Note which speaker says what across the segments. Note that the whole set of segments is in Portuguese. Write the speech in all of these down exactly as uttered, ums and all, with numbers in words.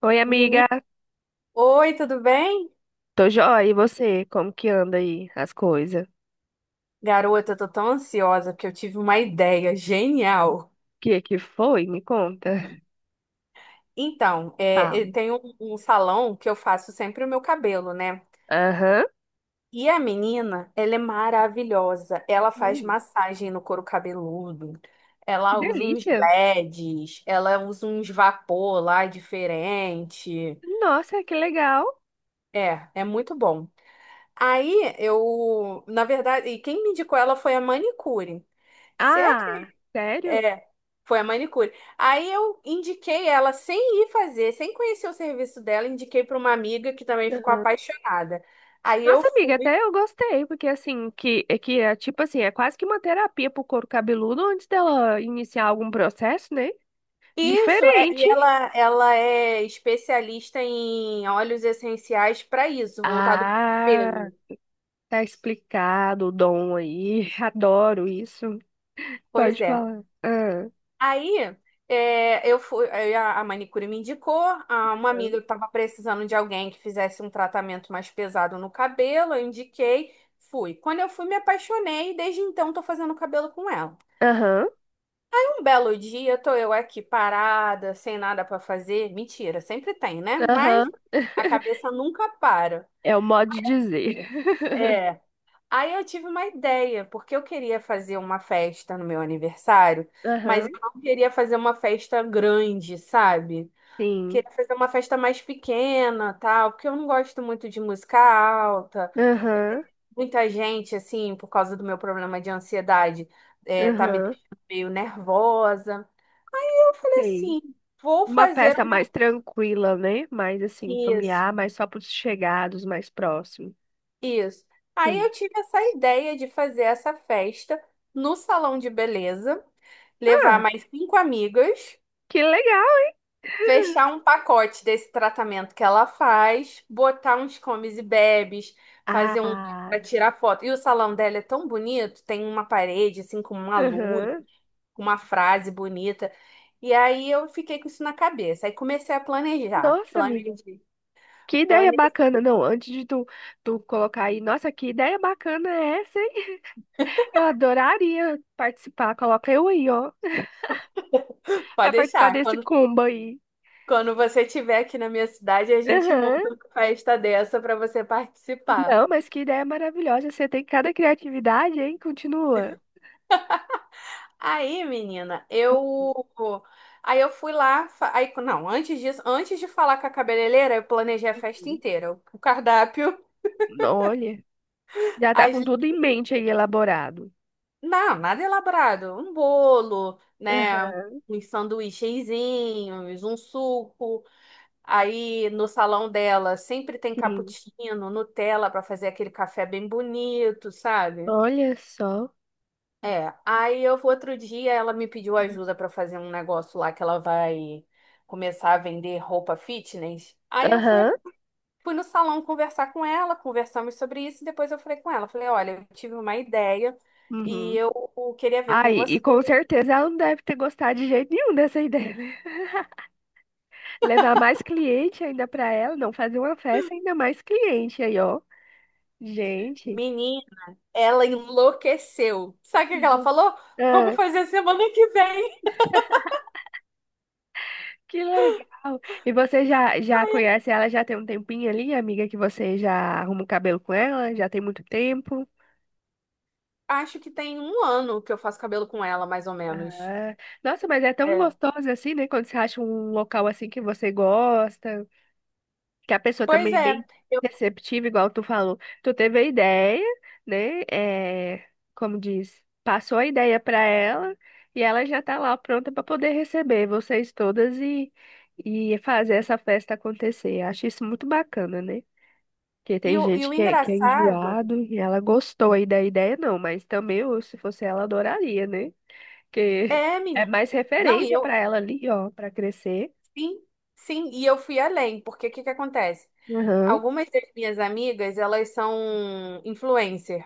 Speaker 1: Oi, amiga.
Speaker 2: Meni... Oi, tudo bem?
Speaker 1: Tô joia. E você? Como que anda aí as coisas? O
Speaker 2: Garota, eu tô tão ansiosa porque eu tive uma ideia genial.
Speaker 1: que que foi? Me conta.
Speaker 2: Então, é, eu
Speaker 1: Falo.
Speaker 2: tenho um um salão que eu faço sempre o meu cabelo, né?
Speaker 1: Aham.
Speaker 2: E a menina, ela é maravilhosa. Ela faz
Speaker 1: Hum,
Speaker 2: massagem no couro cabeludo.
Speaker 1: que
Speaker 2: Ela usa uns
Speaker 1: delícia.
Speaker 2: L E Ds, ela usa uns vapor lá diferente.
Speaker 1: Nossa, que legal.
Speaker 2: É, é muito bom. Aí eu, na verdade, e quem me indicou ela foi a manicure. Você
Speaker 1: Ah, sério?
Speaker 2: É, foi a manicure. Aí eu indiquei ela sem ir fazer, sem conhecer o serviço dela, indiquei para uma amiga que também ficou
Speaker 1: Aham.
Speaker 2: apaixonada. Aí eu
Speaker 1: Nossa, amiga,
Speaker 2: fui.
Speaker 1: até eu gostei, porque assim, que, é que é tipo assim, é quase que uma terapia pro couro cabeludo antes dela iniciar algum processo, né?
Speaker 2: Isso, é, e
Speaker 1: Diferente.
Speaker 2: ela, ela é especialista em óleos essenciais para isso, voltado para o
Speaker 1: Ah,
Speaker 2: cabelo.
Speaker 1: tá explicado o dom aí. Adoro isso.
Speaker 2: Pois
Speaker 1: Pode
Speaker 2: é.
Speaker 1: falar. Ah.
Speaker 2: Aí é, eu fui, aí a, a manicure me indicou, a- uma amiga que estava precisando de alguém que fizesse um tratamento mais pesado no cabelo, eu indiquei, fui. Quando eu fui, me apaixonei e desde então estou fazendo cabelo com ela.
Speaker 1: Aham,
Speaker 2: Um belo dia, tô eu aqui parada, sem nada para fazer. Mentira, sempre tem, né? Mas
Speaker 1: aham.
Speaker 2: a cabeça nunca para.
Speaker 1: É o modo de dizer.
Speaker 2: É. Aí eu tive uma ideia, porque eu queria fazer uma festa no meu aniversário, mas eu
Speaker 1: Aham,
Speaker 2: não queria fazer uma festa grande, sabe?
Speaker 1: sim.
Speaker 2: Queria fazer uma festa mais pequena, tal, porque eu não gosto muito de música alta.
Speaker 1: Aham,
Speaker 2: Muita gente, assim, por causa do meu problema de ansiedade, é, tá me
Speaker 1: aham,
Speaker 2: deixando meio nervosa. Eu falei
Speaker 1: sei.
Speaker 2: assim, vou
Speaker 1: Uma
Speaker 2: fazer
Speaker 1: festa mais
Speaker 2: uma...
Speaker 1: tranquila, né? Mais assim,
Speaker 2: Isso,
Speaker 1: familiar, mais só para os chegados, mais próximos.
Speaker 2: isso. Aí eu
Speaker 1: Sim.
Speaker 2: tive essa ideia de fazer essa festa no salão de beleza, levar
Speaker 1: Ah,
Speaker 2: mais cinco amigas.
Speaker 1: que legal.
Speaker 2: Fechar um pacote desse tratamento que ela faz, botar uns comes e bebes, fazer um
Speaker 1: Ah,
Speaker 2: para tirar foto. E o salão dela é tão bonito, tem uma parede assim com uma luz,
Speaker 1: aham.
Speaker 2: com uma frase bonita. E aí eu fiquei com isso na cabeça. Aí comecei a planejar,
Speaker 1: Nossa, amiga.
Speaker 2: planejei,
Speaker 1: Que ideia
Speaker 2: planejei.
Speaker 1: bacana. Não, antes de tu, tu colocar aí, nossa, que ideia bacana é essa, hein? Eu adoraria participar. Coloca eu aí, ó,
Speaker 2: Pode
Speaker 1: para participar
Speaker 2: deixar.
Speaker 1: desse
Speaker 2: Quando,
Speaker 1: combo aí.
Speaker 2: quando você estiver aqui na minha cidade, a gente
Speaker 1: Aham.
Speaker 2: monta uma festa dessa para você participar.
Speaker 1: Não, mas que ideia maravilhosa. Você tem cada criatividade, hein? Continua.
Speaker 2: Aí, menina, eu. Aí eu fui lá. fa- Aí, não, antes disso, antes de falar com a cabeleireira, eu planejei a festa
Speaker 1: Uhum.
Speaker 2: inteira. O o cardápio,
Speaker 1: Olha, já tá
Speaker 2: as...
Speaker 1: com tudo em mente aí elaborado.
Speaker 2: não, nada elaborado. Um bolo, né?
Speaker 1: Aham,
Speaker 2: Uns sanduíchezinhos, um suco. Aí no salão dela sempre tem
Speaker 1: Sim.
Speaker 2: cappuccino, Nutella para fazer aquele café bem bonito, sabe?
Speaker 1: Olha só.
Speaker 2: É, aí eu outro dia ela me pediu ajuda pra fazer um negócio lá que ela vai começar a vender roupa fitness. Aí eu fui,
Speaker 1: Aham.
Speaker 2: fui no salão conversar com ela, conversamos sobre isso e depois eu falei com ela, falei, olha, eu tive uma ideia e
Speaker 1: Uhum.
Speaker 2: eu queria ver com
Speaker 1: Aí, e
Speaker 2: você.
Speaker 1: com certeza ela não deve ter gostado de jeito nenhum dessa ideia, né? Levar mais cliente ainda pra ela, não fazer uma festa ainda mais cliente aí, ó. Gente.
Speaker 2: Menina, ela enlouqueceu. Sabe o que ela falou? Vamos
Speaker 1: Uhum.
Speaker 2: fazer semana que vem.
Speaker 1: Que legal! E você já, já conhece ela já tem um tempinho ali, amiga, que você já arruma o cabelo com ela? Já tem muito tempo?
Speaker 2: Acho que tem um ano que eu faço cabelo com ela, mais ou menos.
Speaker 1: Ah, nossa, mas é tão
Speaker 2: É.
Speaker 1: gostoso assim, né? Quando você acha um local assim que você gosta, que a pessoa
Speaker 2: Pois
Speaker 1: também é
Speaker 2: é.
Speaker 1: bem
Speaker 2: Eu,
Speaker 1: receptiva, igual tu falou. Tu teve a ideia, né? É, como diz, passou a ideia pra ela e ela já tá lá pronta pra poder receber vocês todas e, e fazer essa festa acontecer. Acho isso muito bacana, né? Porque
Speaker 2: e,
Speaker 1: tem
Speaker 2: o, e
Speaker 1: gente
Speaker 2: o
Speaker 1: que é, que é
Speaker 2: engraçado
Speaker 1: enjoado e ela gostou aí da ideia, não, mas também eu, se fosse ela, adoraria, né? Porque
Speaker 2: é,
Speaker 1: é
Speaker 2: menina.
Speaker 1: mais
Speaker 2: Não, e
Speaker 1: referência pra
Speaker 2: eu,
Speaker 1: ela ali, ó, pra crescer.
Speaker 2: sim, sim, e eu fui além, porque o que que acontece?
Speaker 1: Aham,
Speaker 2: Algumas das minhas amigas, elas são influencer.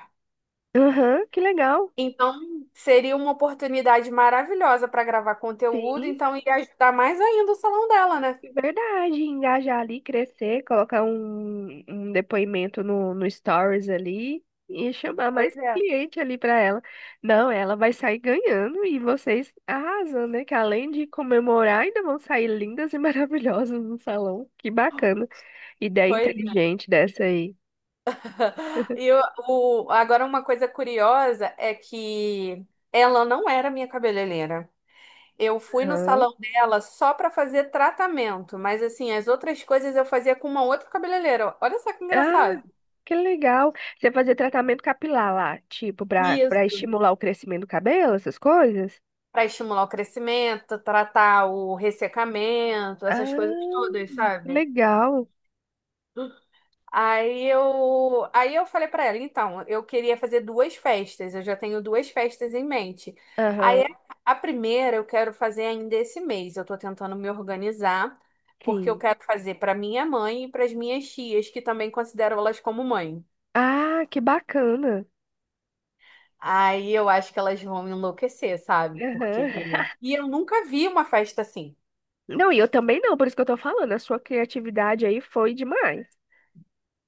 Speaker 1: aham, que legal.
Speaker 2: Então, seria uma oportunidade maravilhosa para gravar conteúdo,
Speaker 1: Sim,
Speaker 2: então ia ajudar mais ainda o salão dela, né?
Speaker 1: é verdade. Engajar ali, crescer, colocar um, um depoimento no, no Stories ali e chamar
Speaker 2: Pois
Speaker 1: mais
Speaker 2: é,
Speaker 1: cliente ali pra ela. Não, ela vai sair ganhando e vocês arrasando, né? Que além de comemorar, ainda vão sair lindas e maravilhosas no salão. Que bacana. Ideia
Speaker 2: pois é.
Speaker 1: inteligente dessa aí.
Speaker 2: E o, o- agora uma coisa curiosa é que ela não era minha cabeleireira. Eu fui no
Speaker 1: Aham.
Speaker 2: salão dela só para fazer tratamento, mas assim, as outras coisas eu fazia com uma outra cabeleireira. Olha só que
Speaker 1: Ah,
Speaker 2: engraçado.
Speaker 1: que legal. Você fazia tratamento capilar lá, tipo, pra, pra
Speaker 2: Isso.
Speaker 1: estimular o crescimento do cabelo, essas coisas?
Speaker 2: Para estimular o crescimento, tratar o ressecamento, essas coisas
Speaker 1: Ah,
Speaker 2: todas,
Speaker 1: que
Speaker 2: sabe?
Speaker 1: legal.
Speaker 2: Aí eu, aí eu falei pra ela, então, eu queria fazer duas festas, eu já tenho duas festas em mente.
Speaker 1: Aham,
Speaker 2: Aí a a primeira eu quero fazer ainda esse mês, eu tô tentando me organizar, porque eu
Speaker 1: sim.
Speaker 2: quero fazer pra minha mãe e pras minhas tias, que também considero elas como mãe.
Speaker 1: Ah, que bacana.
Speaker 2: Aí eu acho que elas vão enlouquecer, sabe? Porque
Speaker 1: Aham.
Speaker 2: e eu nunca vi uma festa assim.
Speaker 1: Não, e eu também não, por isso que eu tô falando. A sua criatividade aí foi demais.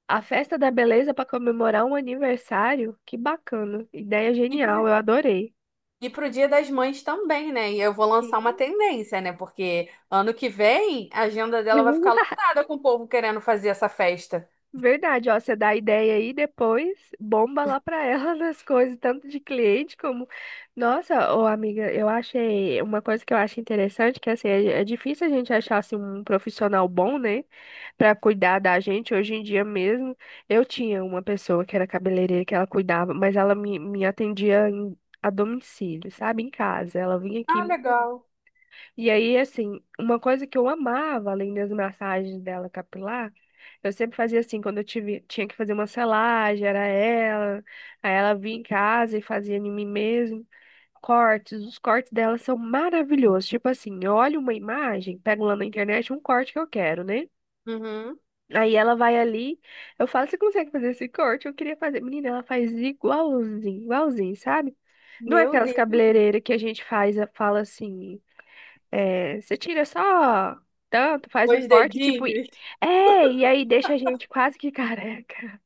Speaker 1: A festa da beleza pra comemorar um aniversário, que bacana. Ideia genial, eu adorei.
Speaker 2: E pro Dia das Mães também, né? E eu vou lançar uma
Speaker 1: Sim.
Speaker 2: tendência, né? Porque ano que vem a agenda dela vai ficar lotada com o povo querendo fazer essa festa.
Speaker 1: Verdade, ó, você dá a ideia aí, depois bomba lá pra ela nas coisas, tanto de cliente como. Nossa, ô amiga, eu achei uma coisa que eu acho interessante, que assim, é, é difícil a gente achar assim, um profissional bom, né, pra cuidar da gente hoje em dia mesmo. Eu tinha uma pessoa que era cabeleireira que ela cuidava, mas ela me, me atendia em- a domicílio, sabe, em casa. Ela vinha aqui
Speaker 2: Ah, legal.
Speaker 1: e aí, assim, uma coisa que eu amava, além das massagens dela capilar, eu sempre fazia assim, quando eu tive, tinha que fazer uma selagem, era ela, aí ela vinha em casa e fazia em mim mesmo. Cortes, os cortes dela são maravilhosos. Tipo assim, eu olho uma imagem, pego lá na internet um corte que eu quero, né?
Speaker 2: Uhum.
Speaker 1: Aí ela vai ali, eu falo, você consegue fazer esse corte? Eu queria fazer. Menina, ela faz igualzinho, igualzinho, sabe? Não é
Speaker 2: Meu
Speaker 1: aquelas
Speaker 2: Deus,
Speaker 1: cabeleireiras que a gente faz, fala assim. É, você tira só tanto, faz um
Speaker 2: os
Speaker 1: corte, tipo. e-
Speaker 2: dedinhos.
Speaker 1: É, e aí deixa a gente quase que careca.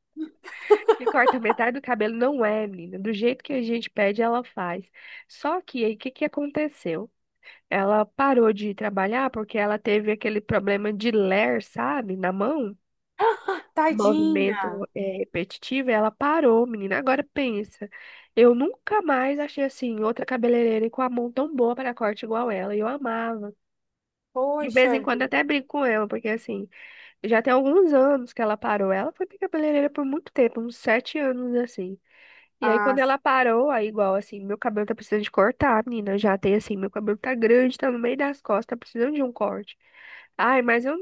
Speaker 1: E corta metade do cabelo, não é, menina. Do jeito que a gente pede, ela faz. Só que aí, o que que aconteceu? Ela parou de trabalhar porque ela teve aquele problema de ler, sabe, na mão.
Speaker 2: Tadinha.
Speaker 1: Movimento é, repetitivo, e ela parou, menina. Agora pensa, eu nunca mais achei assim outra cabeleireira com a mão tão boa para corte igual ela. E eu amava. De vez
Speaker 2: Poxa
Speaker 1: em quando eu até
Speaker 2: vida.
Speaker 1: brinco com ela, porque assim, já tem alguns anos que ela parou. Ela foi minha cabeleireira por muito tempo, uns sete anos assim. E aí
Speaker 2: Ah,
Speaker 1: quando ela parou, aí igual assim, meu cabelo tá precisando de cortar, menina. Já tem assim, meu cabelo tá grande, tá no meio das costas, tá precisando de um corte. Ai, mas eu,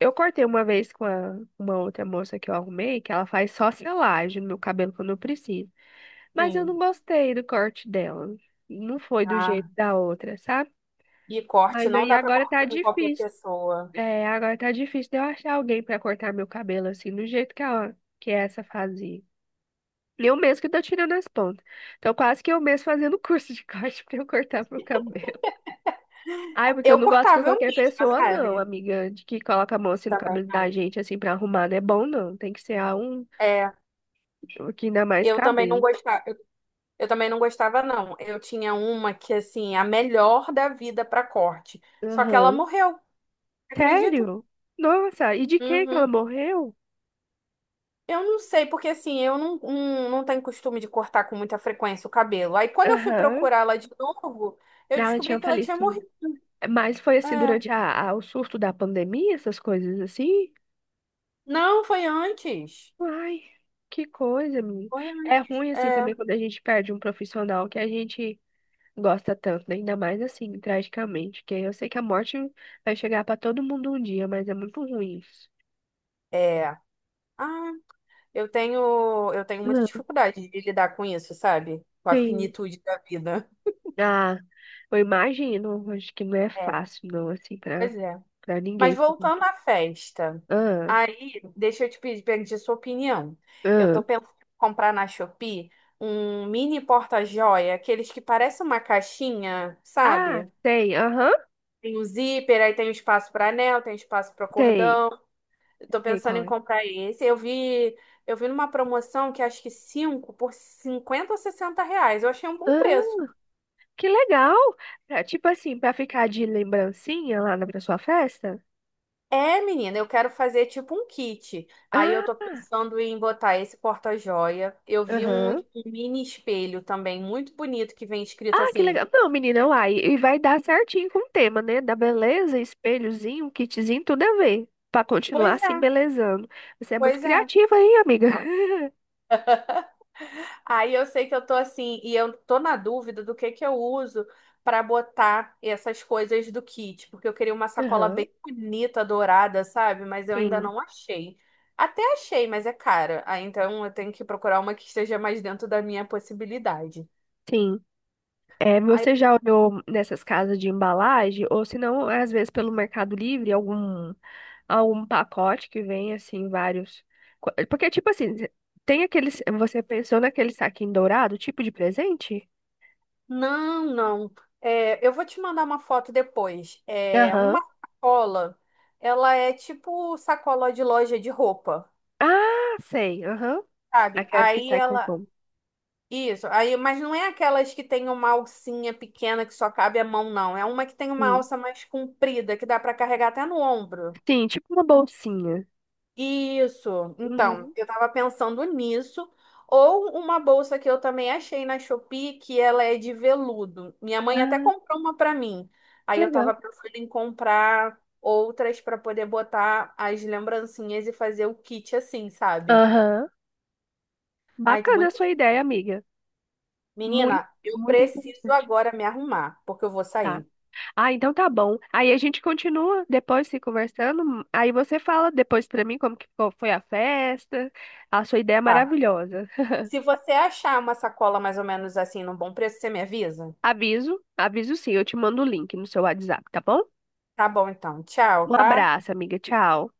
Speaker 1: eu cortei uma vez com a- uma outra moça que eu arrumei, que ela faz só selagem no meu cabelo quando eu preciso. Mas eu não
Speaker 2: sim.
Speaker 1: gostei do corte dela. Não foi do jeito
Speaker 2: Ah.
Speaker 1: da outra, sabe?
Speaker 2: E corte,
Speaker 1: Mas
Speaker 2: não
Speaker 1: aí
Speaker 2: dá pra
Speaker 1: agora tá
Speaker 2: cortar com qualquer
Speaker 1: difícil.
Speaker 2: pessoa.
Speaker 1: É, agora tá difícil de eu achar alguém pra cortar meu cabelo assim, do jeito que, a, que essa fazia. Eu mesmo que tô tirando as pontas. Então, quase que eu mesmo fazendo curso de corte pra eu cortar meu cabelo. Ai, porque eu
Speaker 2: Eu
Speaker 1: não gosto com
Speaker 2: cortava eu
Speaker 1: qualquer
Speaker 2: mesma,
Speaker 1: pessoa, não,
Speaker 2: sabe?
Speaker 1: amiga, de que coloca a mão assim no
Speaker 2: Também
Speaker 1: cabelo da
Speaker 2: não.
Speaker 1: gente, assim, pra arrumar, não é bom, não. Tem que ser a um
Speaker 2: É,
Speaker 1: que ainda mais
Speaker 2: eu também não
Speaker 1: cabelo.
Speaker 2: gostava. Eu também não gostava, não. Eu tinha uma que, assim, a melhor da vida para corte. Só que ela
Speaker 1: Aham.
Speaker 2: morreu, acredita?
Speaker 1: Sério? Nossa, e de que que
Speaker 2: Uhum.
Speaker 1: ela morreu?
Speaker 2: Eu não sei, porque assim, eu não, não, não tenho costume de cortar com muita frequência o cabelo. Aí quando eu fui
Speaker 1: Aham.
Speaker 2: procurar ela de novo, eu
Speaker 1: Ela
Speaker 2: descobri
Speaker 1: tinha
Speaker 2: que ela tinha
Speaker 1: falecido.
Speaker 2: morrido.
Speaker 1: Mas foi assim,
Speaker 2: É.
Speaker 1: durante a, a- o surto da pandemia, essas coisas assim?
Speaker 2: Não, foi antes.
Speaker 1: Ai, que coisa, menina.
Speaker 2: Foi
Speaker 1: É
Speaker 2: antes.
Speaker 1: ruim
Speaker 2: É.
Speaker 1: assim também quando a gente perde um profissional que a gente gosta tanto, né? Ainda mais assim, tragicamente, que eu sei que a morte vai chegar pra todo mundo um dia, mas é muito ruim isso.
Speaker 2: É. Ah, eu tenho, eu tenho muita
Speaker 1: Não.
Speaker 2: dificuldade de lidar com isso, sabe? Com a
Speaker 1: Sim.
Speaker 2: finitude da vida.
Speaker 1: Ah, eu imagino, acho que não é
Speaker 2: É,
Speaker 1: fácil não assim pra
Speaker 2: pois é.
Speaker 1: para
Speaker 2: Mas
Speaker 1: ninguém.
Speaker 2: voltando à festa,
Speaker 1: Ah,
Speaker 2: aí deixa eu te pedir, pedir sua opinião. Eu tô
Speaker 1: ah.
Speaker 2: pensando em comprar na Shopee um mini porta-joia, aqueles que parecem uma caixinha,
Speaker 1: Ah,
Speaker 2: sabe?
Speaker 1: sei, aham,
Speaker 2: Tem o zíper, aí tem o espaço para anel, tem espaço para
Speaker 1: sei.
Speaker 2: cordão. Eu tô
Speaker 1: Sei
Speaker 2: pensando em
Speaker 1: qual é.
Speaker 2: comprar esse. Eu vi, eu vi numa promoção que acho que cinco por cinquenta ou sessenta reais. Eu achei um bom preço.
Speaker 1: Ah, que legal. Pra- tipo assim, pra ficar de lembrancinha lá na pra sua festa?
Speaker 2: É, menina, eu quero fazer tipo um kit. Aí eu tô
Speaker 1: Ah.
Speaker 2: pensando em botar esse porta-joia. Eu vi um, um
Speaker 1: Aham.
Speaker 2: mini espelho também, muito bonito, que vem escrito
Speaker 1: Ah, que
Speaker 2: assim.
Speaker 1: legal. Não, menina, uai. E vai dar certinho com o tema, né? Da beleza, espelhozinho, um kitzinho, tudo a ver. Pra continuar
Speaker 2: Pois é,
Speaker 1: assim, belezando. Você é muito
Speaker 2: pois é.
Speaker 1: criativa aí, amiga.
Speaker 2: Aí eu sei que eu tô assim, e eu tô na dúvida do que que eu uso pra botar essas coisas do kit, porque eu queria uma sacola
Speaker 1: Aham.
Speaker 2: bem bonita, dourada, sabe? Mas eu ainda
Speaker 1: Sim,
Speaker 2: não achei. Até achei, mas é cara. Aí então eu tenho que procurar uma que esteja mais dentro da minha possibilidade.
Speaker 1: sim. É,
Speaker 2: Aí
Speaker 1: você já olhou nessas casas de embalagem? Ou se não, às vezes pelo Mercado Livre, algum, algum pacote que vem, assim, vários. co- Porque, tipo assim, tem aqueles. Você pensou naquele saquinho dourado, tipo de presente?
Speaker 2: não, não. É, eu vou te mandar uma foto depois. É uma
Speaker 1: Aham.
Speaker 2: sacola. Ela é tipo sacola de loja de roupa,
Speaker 1: Ah, sei. Aham.
Speaker 2: sabe?
Speaker 1: Aquelas que
Speaker 2: Aí
Speaker 1: saem com
Speaker 2: ela.
Speaker 1: pão.
Speaker 2: Isso, aí, mas não é aquelas que tem uma alcinha pequena que só cabe a mão, não. É uma que tem uma
Speaker 1: Sim.
Speaker 2: alça mais comprida, que dá para carregar até no ombro.
Speaker 1: Sim, tipo uma bolsinha.
Speaker 2: Isso. Então,
Speaker 1: Uhum.
Speaker 2: eu tava pensando nisso. Ou uma bolsa que eu também achei na Shopee, que ela é de veludo. Minha mãe até
Speaker 1: Ah,
Speaker 2: comprou uma pra mim.
Speaker 1: que
Speaker 2: Aí eu tava
Speaker 1: legal.
Speaker 2: pensando em comprar outras pra poder botar as lembrancinhas e fazer o kit assim, sabe?
Speaker 1: Aham.
Speaker 2: Ai, tô
Speaker 1: Bacana a
Speaker 2: muito
Speaker 1: sua ideia,
Speaker 2: ansiosa.
Speaker 1: amiga. Muito,
Speaker 2: Menina, eu
Speaker 1: muito
Speaker 2: preciso
Speaker 1: interessante.
Speaker 2: agora me arrumar, porque eu vou
Speaker 1: Tá.
Speaker 2: sair.
Speaker 1: Ah, então tá bom. Aí a gente continua depois se conversando. Aí você fala depois pra mim como que ficou- foi a festa. A sua ideia é
Speaker 2: Tá.
Speaker 1: maravilhosa.
Speaker 2: Se você achar uma sacola mais ou menos assim, num bom preço, você me avisa?
Speaker 1: Aviso, aviso sim, eu te mando o link no seu WhatsApp, tá bom?
Speaker 2: Tá bom, então. Tchau,
Speaker 1: Um
Speaker 2: tá?
Speaker 1: abraço, amiga. Tchau.